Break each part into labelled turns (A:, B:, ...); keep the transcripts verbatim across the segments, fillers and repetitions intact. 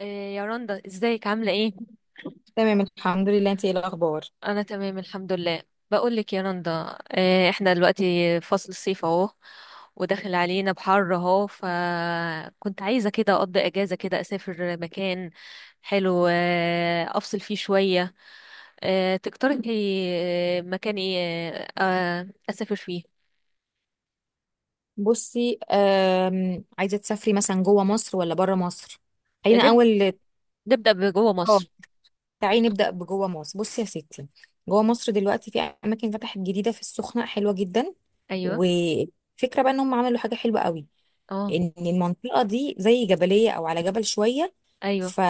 A: إيه يا رندا ازيك عاملة ايه؟
B: تمام، الحمد لله. انت ايه الاخبار؟
A: انا تمام الحمد لله. بقولك يا رندا إيه، احنا دلوقتي فصل الصيف اهو، وداخل علينا بحر اهو، فكنت عايزة كده اقضي اجازة كده اسافر مكان حلو. إيه، افصل فيه شوية. إيه، تقترحي إيه، مكان ايه؟ آه، اسافر فيه.
B: بصي، آم، عايزه تسافري مثلا جوه مصر ولا بره مصر؟ خلينا
A: نبدأ
B: اول.
A: نبدأ بجوه
B: اه،
A: مصر.
B: تعالي نبدا بجوه مصر. بصي يا ستي، جوه مصر دلوقتي في اماكن فتحت جديده في السخنه، حلوه جدا.
A: ايوه.
B: وفكره بقى انهم عملوا حاجه حلوه قوي،
A: اه.
B: ان المنطقه دي زي جبليه او على جبل شويه.
A: ايوه.
B: ف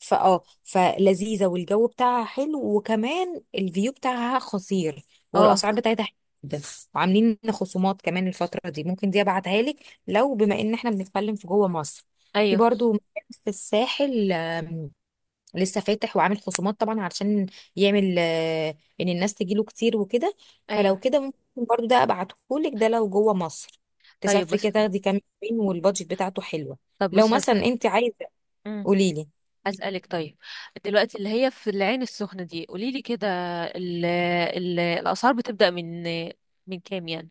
B: فاه فلذيذه، والجو بتاعها حلو، وكمان الفيو بتاعها خطير،
A: اه.
B: والاسعار بتاعتها حلوة جدا. وعاملين خصومات كمان الفتره دي، ممكن دي ابعتها لك. لو بما ان احنا بنتكلم في جوه مصر، في
A: ايوه.
B: برضو مكان في الساحل لسه فاتح وعامل خصومات طبعا، علشان يعمل، آه، ان الناس تجيله كتير وكده.
A: ايوه.
B: فلو كده ممكن برضو ده ابعتهولك، ده لو جوه مصر
A: طيب
B: تسافري
A: بص.
B: كده، تاخدي كام يومين، والبادجت بتاعته حلوه.
A: طب
B: لو
A: بص هس...
B: مثلا انت عايزه قوليلي.
A: أسألك طيب. دلوقتي اللي هي في العين السخنة دي، قولي لي كده. ال ال الأسعار بتبدأ من من كام يعني؟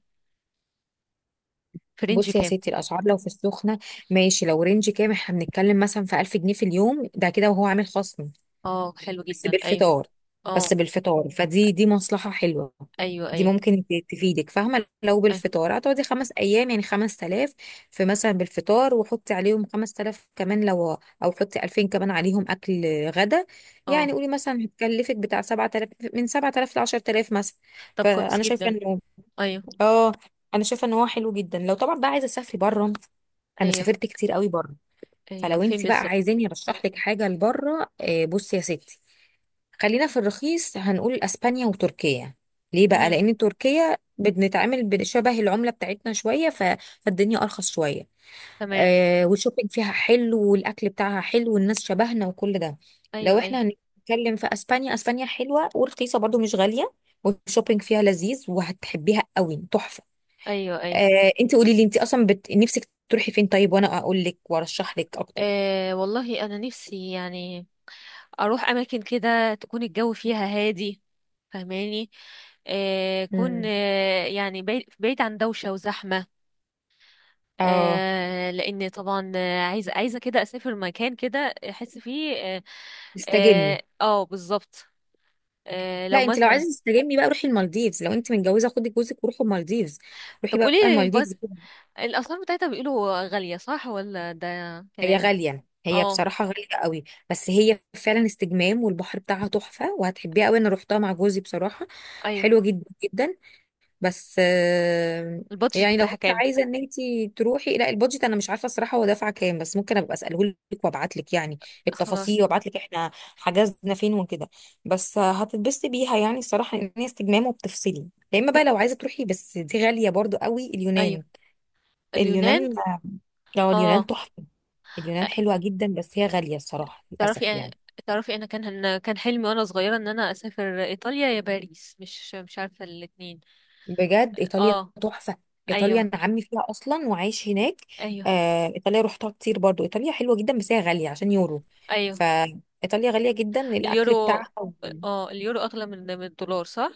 A: في رينج
B: بصي يا
A: كام؟
B: ستي، الاسعار لو في السخنه، ماشي، لو رينج كام، احنا بنتكلم مثلا في ألف جنيه في اليوم، ده كده وهو عامل خصم،
A: اه حلو
B: بس
A: جدا، ايوه.
B: بالفطار. بس
A: اه.
B: بالفطار، فدي دي مصلحة حلوة.
A: ايوه.
B: دي
A: ايوه.
B: ممكن ت- تفيدك، فاهمة؟ لو
A: ايوه.
B: بالفطار هتقعدي خمس أيام، يعني خمس تلاف في مثلا بالفطار، وحطي عليهم خمس تلاف كمان، لو أو حطي ألفين كمان عليهم أكل غدا.
A: اه.
B: يعني قولي مثلا هتكلفك بتاع سبعة تلاف، من سبعة تلاف لعشر تلاف مثلا.
A: طب كويس
B: فأنا شايفة
A: جدا.
B: إنه،
A: ايوه.
B: آه أنا شايفة إن هو حلو جدا. لو طبعا بقى عايزة تسافري بره، أنا
A: ايوه.
B: سافرت كتير قوي بره.
A: ايوه
B: فلو
A: فين
B: انت بقى
A: بالظبط؟
B: عايزاني ارشح لك حاجه لبره، آه، بصي يا ستي، خلينا في الرخيص، هنقول اسبانيا وتركيا. ليه بقى؟
A: امم.
B: لان تركيا بنتعامل بشبه العمله بتاعتنا شويه، ف- فالدنيا ارخص شويه.
A: تمام.
B: آه، والشوبينج فيها حلو، والاكل بتاعها حلو، والناس شبهنا، وكل ده. لو
A: ايوه. ايوه.
B: احنا هنتكلم في اسبانيا، اسبانيا حلوه ورخيصه برضو، مش غاليه، والشوبينج فيها لذيذ، وهتحبيها قوي، تحفه.
A: ايوه. ايوه.
B: آه، انت قولي لي، انت اصلا بت... نفسك تروحي فين طيب؟ وانا اقول لك وارشح لك اكتر.
A: آه والله انا نفسي يعني اروح اماكن كده تكون الجو فيها هادي، فهماني؟ آه كون
B: مم.
A: آه يعني بعيد بعيد عن دوشة وزحمة.
B: اه،
A: آه، لان طبعا آه، عايزه عايزه كده اسافر مكان كده احس فيه اه,
B: استجمي.
A: آه آه، بالظبط. آه لو
B: لا، انت لو
A: مثلا.
B: عايزه تستجمي بقى روحي المالديفز. لو انت متجوزه خدي جوزك وروحوا المالديفز.
A: طب
B: روحي
A: قولي
B: بقى
A: لي البط...
B: المالديفز.
A: الاسعار بتاعتها، بيقولوا غاليه صح ولا ده
B: هي
A: كلام؟
B: غاليه، هي
A: اه.
B: بصراحه غاليه قوي، بس هي فعلا استجمام، والبحر بتاعها تحفه، وهتحبيها قوي. انا روحتها مع جوزي بصراحه،
A: ايوه.
B: حلوه جدا جدا. بس آه،
A: البادجت
B: يعني لو
A: بتاعها
B: انت
A: كام؟
B: عايزه ان انت تروحي، لا البادجت انا مش عارفه الصراحه، هو دافعه كام، بس ممكن ابقى اساله لك وابعت لك يعني
A: خلاص.
B: التفاصيل، وابعت لك احنا حجزنا فين وكده. بس آه، هتتبسطي بيها يعني الصراحه، ان هي استجمام وبتفصلي. يا اما بقى لو عايزه تروحي، بس دي غاليه برضو قوي،
A: ايوه.
B: اليونان.
A: اليونان.
B: اليونان، اه، اليونان
A: اه.
B: تحفه. اليونان حلوه جدا، بس هي غاليه الصراحه، للاسف
A: تعرفي
B: يعني.
A: تعرفي انا كان، أنا كان حلمي وانا صغيره ان انا اسافر ايطاليا يا باريس، مش مش عارفه الاتنين.
B: بجد ايطاليا
A: اه.
B: تحفه، ايطاليا
A: ايوه.
B: انا عمي فيها اصلا وعايش هناك.
A: ايوه.
B: آه، ايطاليا روحتها كتير برضو، ايطاليا حلوه جدا، بس هي غاليه عشان يورو.
A: ايوه.
B: فايطاليا غاليه جدا، الاكل
A: اليورو.
B: بتاعها و-
A: اه اليورو اغلى من من الدولار صح؟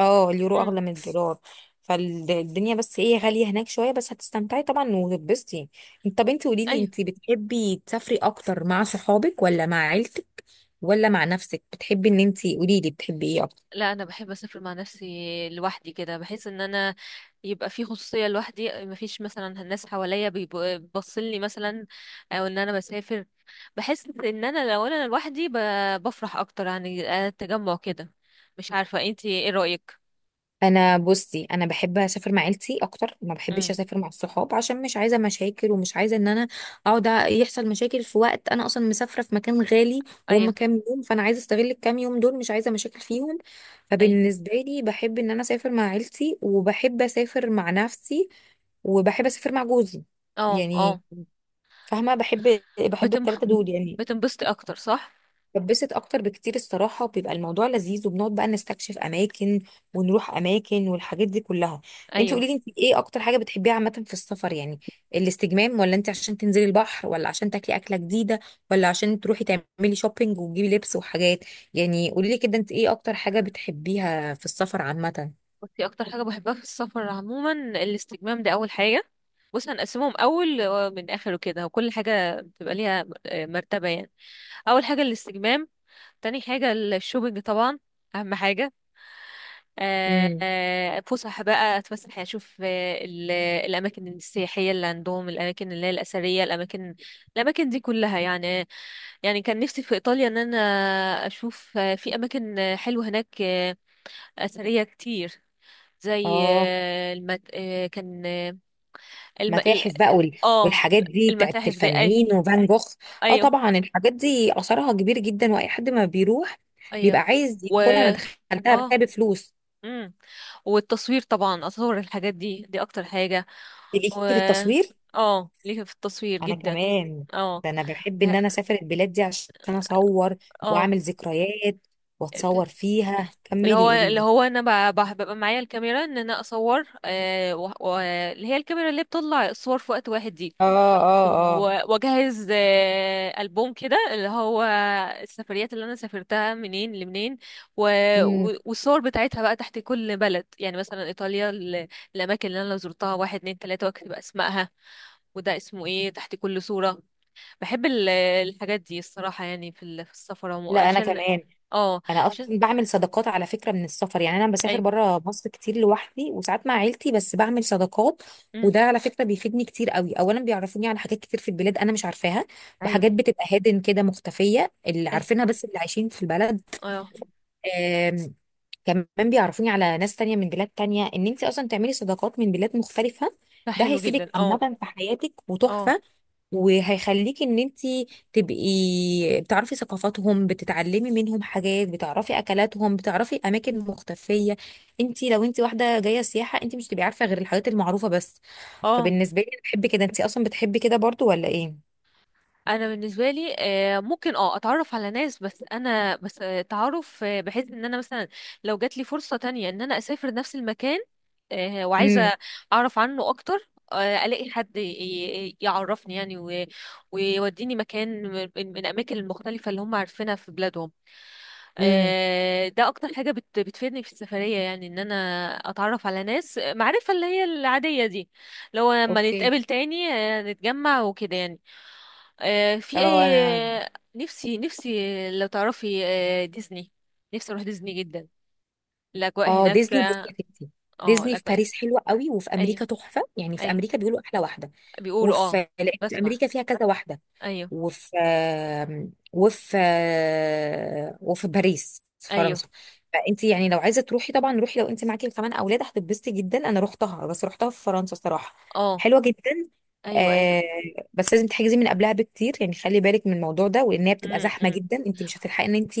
B: اه، اليورو
A: امم.
B: اغلى من الدولار. فالدنيا بس ايه غاليه هناك شويه، بس هتستمتعي طبعا وهتتبسطي يعني. انت، طب انت قولي لي،
A: ايوه.
B: انت بتحبي تسافري اكتر مع صحابك ولا مع عيلتك ولا مع نفسك؟ بتحبي ان انت، قولي لي بتحبي ايه؟
A: لا انا بحب اسافر مع نفسي، لوحدي كده، بحيث ان انا يبقى في خصوصيه لوحدي، مفيش مثلا الناس حواليا بيبصلي مثلا، او ان انا بسافر بحس ان انا لو انا لوحدي ب- بفرح اكتر يعني. آه، التجمع كده مش عارفه، انتي ايه رايك؟
B: انا بصي، انا بحب اسافر مع عيلتي اكتر، ما بحبش
A: امم.
B: اسافر مع الصحاب، عشان مش عايزه مشاكل، ومش عايزه ان انا اقعد يحصل مشاكل في وقت انا اصلا مسافره في مكان غالي، وهم
A: ايوه.
B: كام يوم، فانا عايزه استغل الكام يوم دول، مش عايزه مشاكل فيهم.
A: ايوه.
B: فبالنسبه لي، بحب ان انا اسافر مع عيلتي، وبحب اسافر مع نفسي، وبحب اسافر مع جوزي،
A: اه.
B: يعني
A: اه.
B: فاهمه، بحب بحب
A: بتم
B: التلاته دول يعني.
A: بتنبسطي اكتر صح؟
B: بتبسط اكتر بكتير الصراحه، وبيبقى الموضوع لذيذ، وبنقعد بقى نستكشف اماكن، ونروح اماكن والحاجات دي كلها. انت قولي
A: ايوه.
B: لي، انت ايه اكتر حاجه بتحبيها عامه في السفر يعني، الاستجمام، ولا انت عشان تنزلي البحر، ولا عشان تاكلي اكله جديده، ولا عشان تروحي تعملي شوبينج وتجيبي لبس وحاجات؟ يعني قولي لي كده انت ايه اكتر حاجه بتحبيها في السفر عامه؟
A: بصي، اكتر حاجه بحبها في السفر عموما الاستجمام ده اول حاجه. بص هنقسمهم، اول من اخر وكده، وكل حاجه بتبقى ليها آه، مرتبه يعني. اول حاجه الاستجمام، تاني حاجه الشوبينج طبعا اهم حاجه. آه،
B: امم
A: آه، فسح بقى اتفسح يعني، اشوف آه، ال- الاماكن السياحيه اللي عندهم، الاماكن اللي هي الاثريه، الاماكن، الاماكن دي كلها يعني. يعني كان نفسي في ايطاليا ان انا اشوف آه، في اماكن آه، حلوه هناك آه، اثريه كتير، زي
B: اه،
A: آه، المت... آه، كان آه، الم... ال-
B: متاحف بقى وال-
A: اه.
B: والحاجات دي بتاعت
A: المتاحف دي.
B: الفنانين وفان جوخ. اه
A: ايوه.
B: طبعا، الحاجات دي اثرها كبير جدا، واي حد ما بيروح بيبقى
A: ايوه.
B: عايز
A: و
B: يدخلها، انا دخلتها بس هي
A: اه
B: بفلوس.
A: امم والتصوير طبعا، اصور الحاجات دي، دي اكتر حاجة.
B: ليكي
A: و
B: في التصوير؟
A: اه ليه في التصوير
B: انا
A: جدا.
B: كمان،
A: اه.
B: ده انا بحب ان
A: بح-
B: انا اسافر البلاد دي عشان اصور
A: اه
B: واعمل ذكريات واتصور فيها.
A: اللي
B: كملي
A: هو،
B: قولي
A: اللي
B: لي.
A: هو انا ب- ب- ببقى معايا الكاميرا ان انا اصور، آه، و- و- اللي هي الكاميرا اللي بتطلع الصور في وقت واحد دي.
B: اه، اه، اه.
A: و- واجهز آه، البوم كده اللي هو السفريات اللي انا سافرتها، منين لمنين، و...
B: امم
A: و- والصور بتاعتها بقى تحت كل بلد، يعني مثلا ايطاليا ال- الاماكن اللي انا زرتها واحد اتنين تلاته، واكتب اسمائها وده اسمه ايه تحت كل صوره. بحب ال- الحاجات دي الصراحه، يعني في ال- في السفر عمو-
B: لا، انا
A: عشان.
B: كمان
A: اه.
B: انا
A: عشان
B: اصلا بعمل صداقات على فكره من السفر، يعني انا بسافر
A: اي.
B: بره مصر كتير لوحدي، وساعات مع عيلتي، بس بعمل صداقات. وده
A: امم.
B: على فكره بيفيدني كتير قوي، اولا بيعرفوني على حاجات كتير في البلاد انا مش عارفاها،
A: ايوه.
B: وحاجات بتبقى هادن كده مختفيه، اللي
A: اي.
B: عارفينها بس اللي عايشين في البلد.
A: اه.
B: آم، كمان بيعرفوني على ناس تانية من بلاد تانية، ان انت اصلا تعملي صداقات من بلاد مختلفه،
A: ده
B: ده
A: حلو
B: هيفيدك
A: جدا. اه.
B: عامه في حياتك،
A: اه.
B: وتحفه. وهيخليكي ان انتي تبقي بتعرفي ثقافاتهم، بتتعلمي منهم حاجات، بتعرفي اكلاتهم، بتعرفي اماكن مختفيه. انتي لو انتي واحده جايه سياحه، انتي مش هتبقي عارفه غير الحاجات المعروفه بس.
A: اه.
B: فبالنسبه لي، أنا بحب كده. انتي اصلا بتحبي كده برضو ولا ايه؟
A: انا بالنسبه لي آه، ممكن اه اتعرف على ناس، بس انا بس آه، تعرف آه، بحيث ان انا مثلا لو جات لي فرصه تانية ان انا اسافر نفس المكان، آه،
B: امم،
A: وعايزه اعرف عنه اكتر، آه، الاقي حد ي- ي- يعرفني يعني و- ويوديني مكان من من الاماكن المختلفه اللي هم عارفينها في بلادهم.
B: امم،
A: آه، ده اكتر حاجة بت بتفيدني في السفرية، يعني ان انا اتعرف على ناس معرفة اللي هي العادية دي، لو لما
B: اوكي.
A: نتقابل تاني آه، نتجمع وكده يعني. آه، في
B: اه
A: اي
B: انا.
A: آه، نفسي، نفسي لو تعرفي آه، ديزني، نفسي اروح ديزني جدا. الاجواء
B: اه،
A: هناك
B: ديزني. بصي
A: اه.
B: يا ستي،
A: آه،
B: ديزني في
A: الاجواء.
B: باريس حلوه قوي، وفي
A: ايوه.
B: امريكا تحفه، يعني في
A: ايوه.
B: امريكا بيقولوا احلى واحده.
A: بيقولوا اه.
B: وفي، لأن في
A: بسمع.
B: امريكا فيها كذا واحده،
A: ايوه.
B: وفي، وفي، وفي باريس في
A: ايوه.
B: فرنسا. فانت يعني لو عايزه تروحي، طبعا روحي. لو انت معاكي كمان اولاد هتتبسطي جدا. انا رحتها، بس رحتها في فرنسا الصراحه،
A: اه.
B: حلوه جدا.
A: ايوه.
B: آه،
A: ايوه.
B: بس لازم تحجزي من قبلها بكتير، يعني خلي بالك من الموضوع ده، وان هي بتبقى
A: امم.
B: زحمه
A: إمم.
B: جدا، انت مش هتلحقي ان انت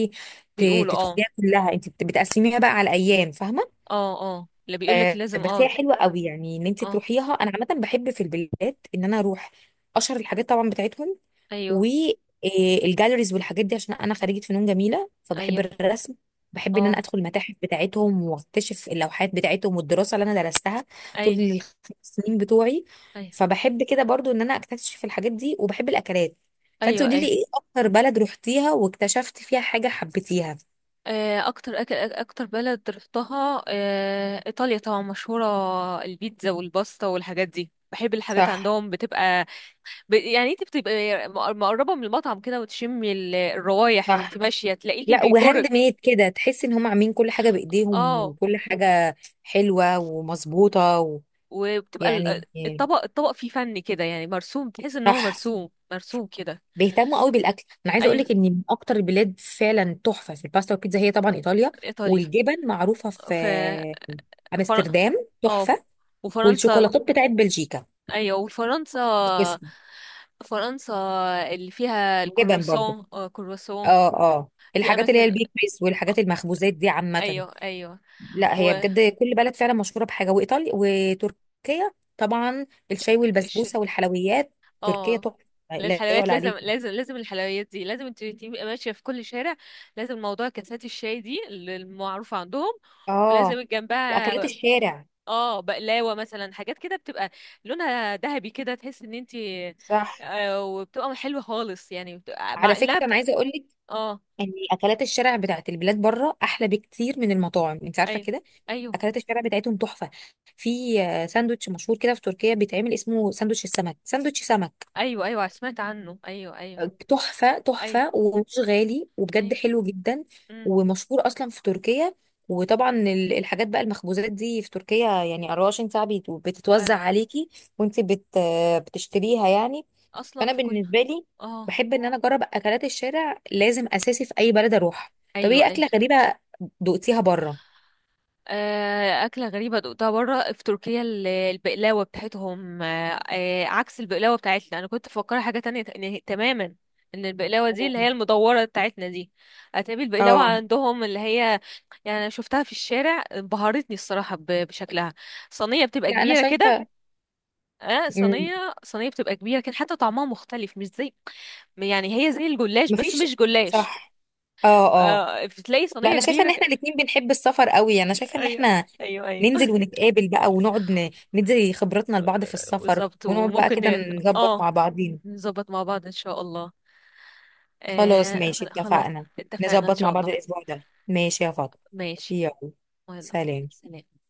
B: ت-
A: بيقولوا اه.
B: تدخليها كلها، انت بت- بتقسميها بقى على ايام، فاهمه؟
A: اه. اه. اللي بيقولك
B: آه،
A: لازم
B: بس
A: اه.
B: هي حلوه قوي يعني ان انت
A: اه.
B: تروحيها. انا عامه بحب في البلاد ان انا اروح اشهر الحاجات طبعا بتاعتهم،
A: ايوه.
B: والجاليريز والحاجات دي، عشان انا خريجه فنون جميله فبحب
A: ايوه.
B: الرسم. بحب ان انا
A: اه.
B: ادخل المتاحف بتاعتهم، واكتشف اللوحات بتاعتهم والدراسه اللي انا درستها طول
A: ايوه.
B: الخمس سنين بتوعي.
A: ايوه.
B: فبحب كده برضو ان انا اكتشف الحاجات دي، وبحب الاكلات. فانت
A: ايوه.
B: قولي لي
A: ايوه.
B: ايه اكتر بلد رحتيها واكتشفت فيها حاجه حبيتيها؟
A: آه، اكتر أكل، اكتر بلد رحتها آه، ايطاليا طبعا، مشهوره البيتزا والباستا والحاجات دي، بحب الحاجات
B: صح.
A: عندهم بتبقى ب... يعني انت بتبقى مق- مقربه من المطعم كده، وتشمي ال- الروايح وانت
B: صح.
A: ماشيه تلاقيكي
B: لا، وهاند
A: بيجرك.
B: ميد كده، تحس ان هم عاملين كل حاجه بايديهم،
A: اه.
B: وكل حاجه حلوه ومظبوطه و...
A: وبتبقى ال-
B: يعني.
A: الطبق الطبق فيه فن كده، يعني مرسوم، تحس ان
B: صح،
A: هو مرسوم مرسوم كده.
B: بيهتموا قوي بالاكل. انا عايزه اقول
A: ايوه.
B: لك ان من اكتر البلاد فعلا تحفه في الباستا والبيتزا، هي طبعا ايطاليا.
A: ايطاليا.
B: والجبن معروفه في
A: ف فر...
B: امستردام،
A: اه.
B: تحفه.
A: وفرنسا.
B: والشوكولاتات بتاعت بلجيكا.
A: ايوه. وفرنسا.
B: بس
A: فرنسا اللي فيها
B: جبن برضو.
A: الكرواسون، آه، كرواسون.
B: اه، اه،
A: في
B: الحاجات اللي هي
A: اماكن.
B: البيكريز والحاجات المخبوزات دي عامه.
A: ايوه. ايوه.
B: لا هي
A: والش
B: بجد كل بلد فعلا مشهوره بحاجه، وايطاليا وتركيا طبعا الشاي والبسبوسه والحلويات. تركيا
A: اه.
B: تحفه، لا
A: الحلويات
B: يعلى
A: لازم
B: عليك.
A: لازم لازم، الحلويات دي لازم انت تبقي ماشيه في كل شارع لازم. موضوع كاسات الشاي دي اللي المعروفه عندهم،
B: اه،
A: ولازم
B: واكلات
A: جنبها
B: الشارع.
A: اه بقلاوه مثلا، حاجات كده بتبقى لونها ذهبي كده تحس ان انت
B: صح.
A: آه وبتبقى حلوه خالص، يعني بتبقى
B: على
A: مع
B: فكره
A: انها بت...
B: انا عايزه اقول لك
A: اه.
B: ان اكلات الشارع بتاعت البلاد بره احلى بكتير من المطاعم، انت عارفه
A: ايوه.
B: كده.
A: ايوه.
B: اكلات الشارع بتاعتهم تحفه. في آه، ساندوتش مشهور كده في تركيا بيتعمل، اسمه ساندوتش السمك، ساندوتش سمك.
A: ايوه. ايوه سمعت عنه. ايوه. ايوه.
B: آه، تحفه،
A: ايوه.
B: تحفه، ومش غالي، وبجد
A: ايوه.
B: حلو جدا.
A: امم.
B: ومشهور اصلا في تركيا. وطبعا ال- الحاجات بقى المخبوزات دي في تركيا يعني أربعة وعشرين ساعة ساعه بيت- بتتوزع
A: ايوه.
B: عليكي، وانت بت آه، بتشتريها يعني.
A: اصلا
B: فانا
A: في كل.
B: بالنسبه لي،
A: اه.
B: بحب ان انا اجرب اكلات الشارع، لازم اساسي في اي بلد اروح. طب
A: ايوه.
B: ايه
A: ايوه.
B: اكله غريبه دقتيها بره؟
A: آه، أكلة غريبة دقتها برا في تركيا، ال- البقلاوة بتاعتهم، آه، آه، عكس البقلاوة بتاعتنا. أنا كنت مفكرة حاجة تانية ت- نه- تماما. إن البقلاوة دي اللي
B: مم.
A: هي المدورة بتاعتنا دي، هتقابل البقلاوة
B: اه،
A: عندهم اللي هي، يعني أنا شفتها في الشارع، انبهرتني الصراحة ب- بشكلها، صينية بتبقى
B: لا انا
A: كبيرة كده.
B: شايفه.
A: اه
B: مم،
A: صينية، صينية بتبقى كبيرة، كان حتى طعمها مختلف مش زي، يعني هي زي الجلاش بس
B: مفيش.
A: مش جلاش.
B: صح. اه، اه.
A: آه بتلاقي
B: لا
A: صينية
B: انا شايفه ان
A: كبيرة ك...
B: احنا الاتنين بنحب السفر قوي، انا شايفه ان
A: ايوه.
B: احنا
A: ايوه. ايوه.
B: ننزل ونتقابل بقى، ونقعد ن- ندي خبرتنا لبعض في السفر،
A: بالظبط،
B: ونقعد بقى
A: وممكن
B: كده
A: ن-
B: نظبط
A: اه،
B: مع بعضين.
A: نظبط مع بعض ان شاء الله.
B: خلاص
A: آه
B: ماشي،
A: خلاص.
B: اتفقنا.
A: اتفقنا ان
B: نظبط مع
A: شاء
B: بعض
A: الله.
B: الاسبوع ده، ماشي يا فاطمه؟
A: ماشي.
B: يلا.
A: يلا.
B: سلام.
A: سلام.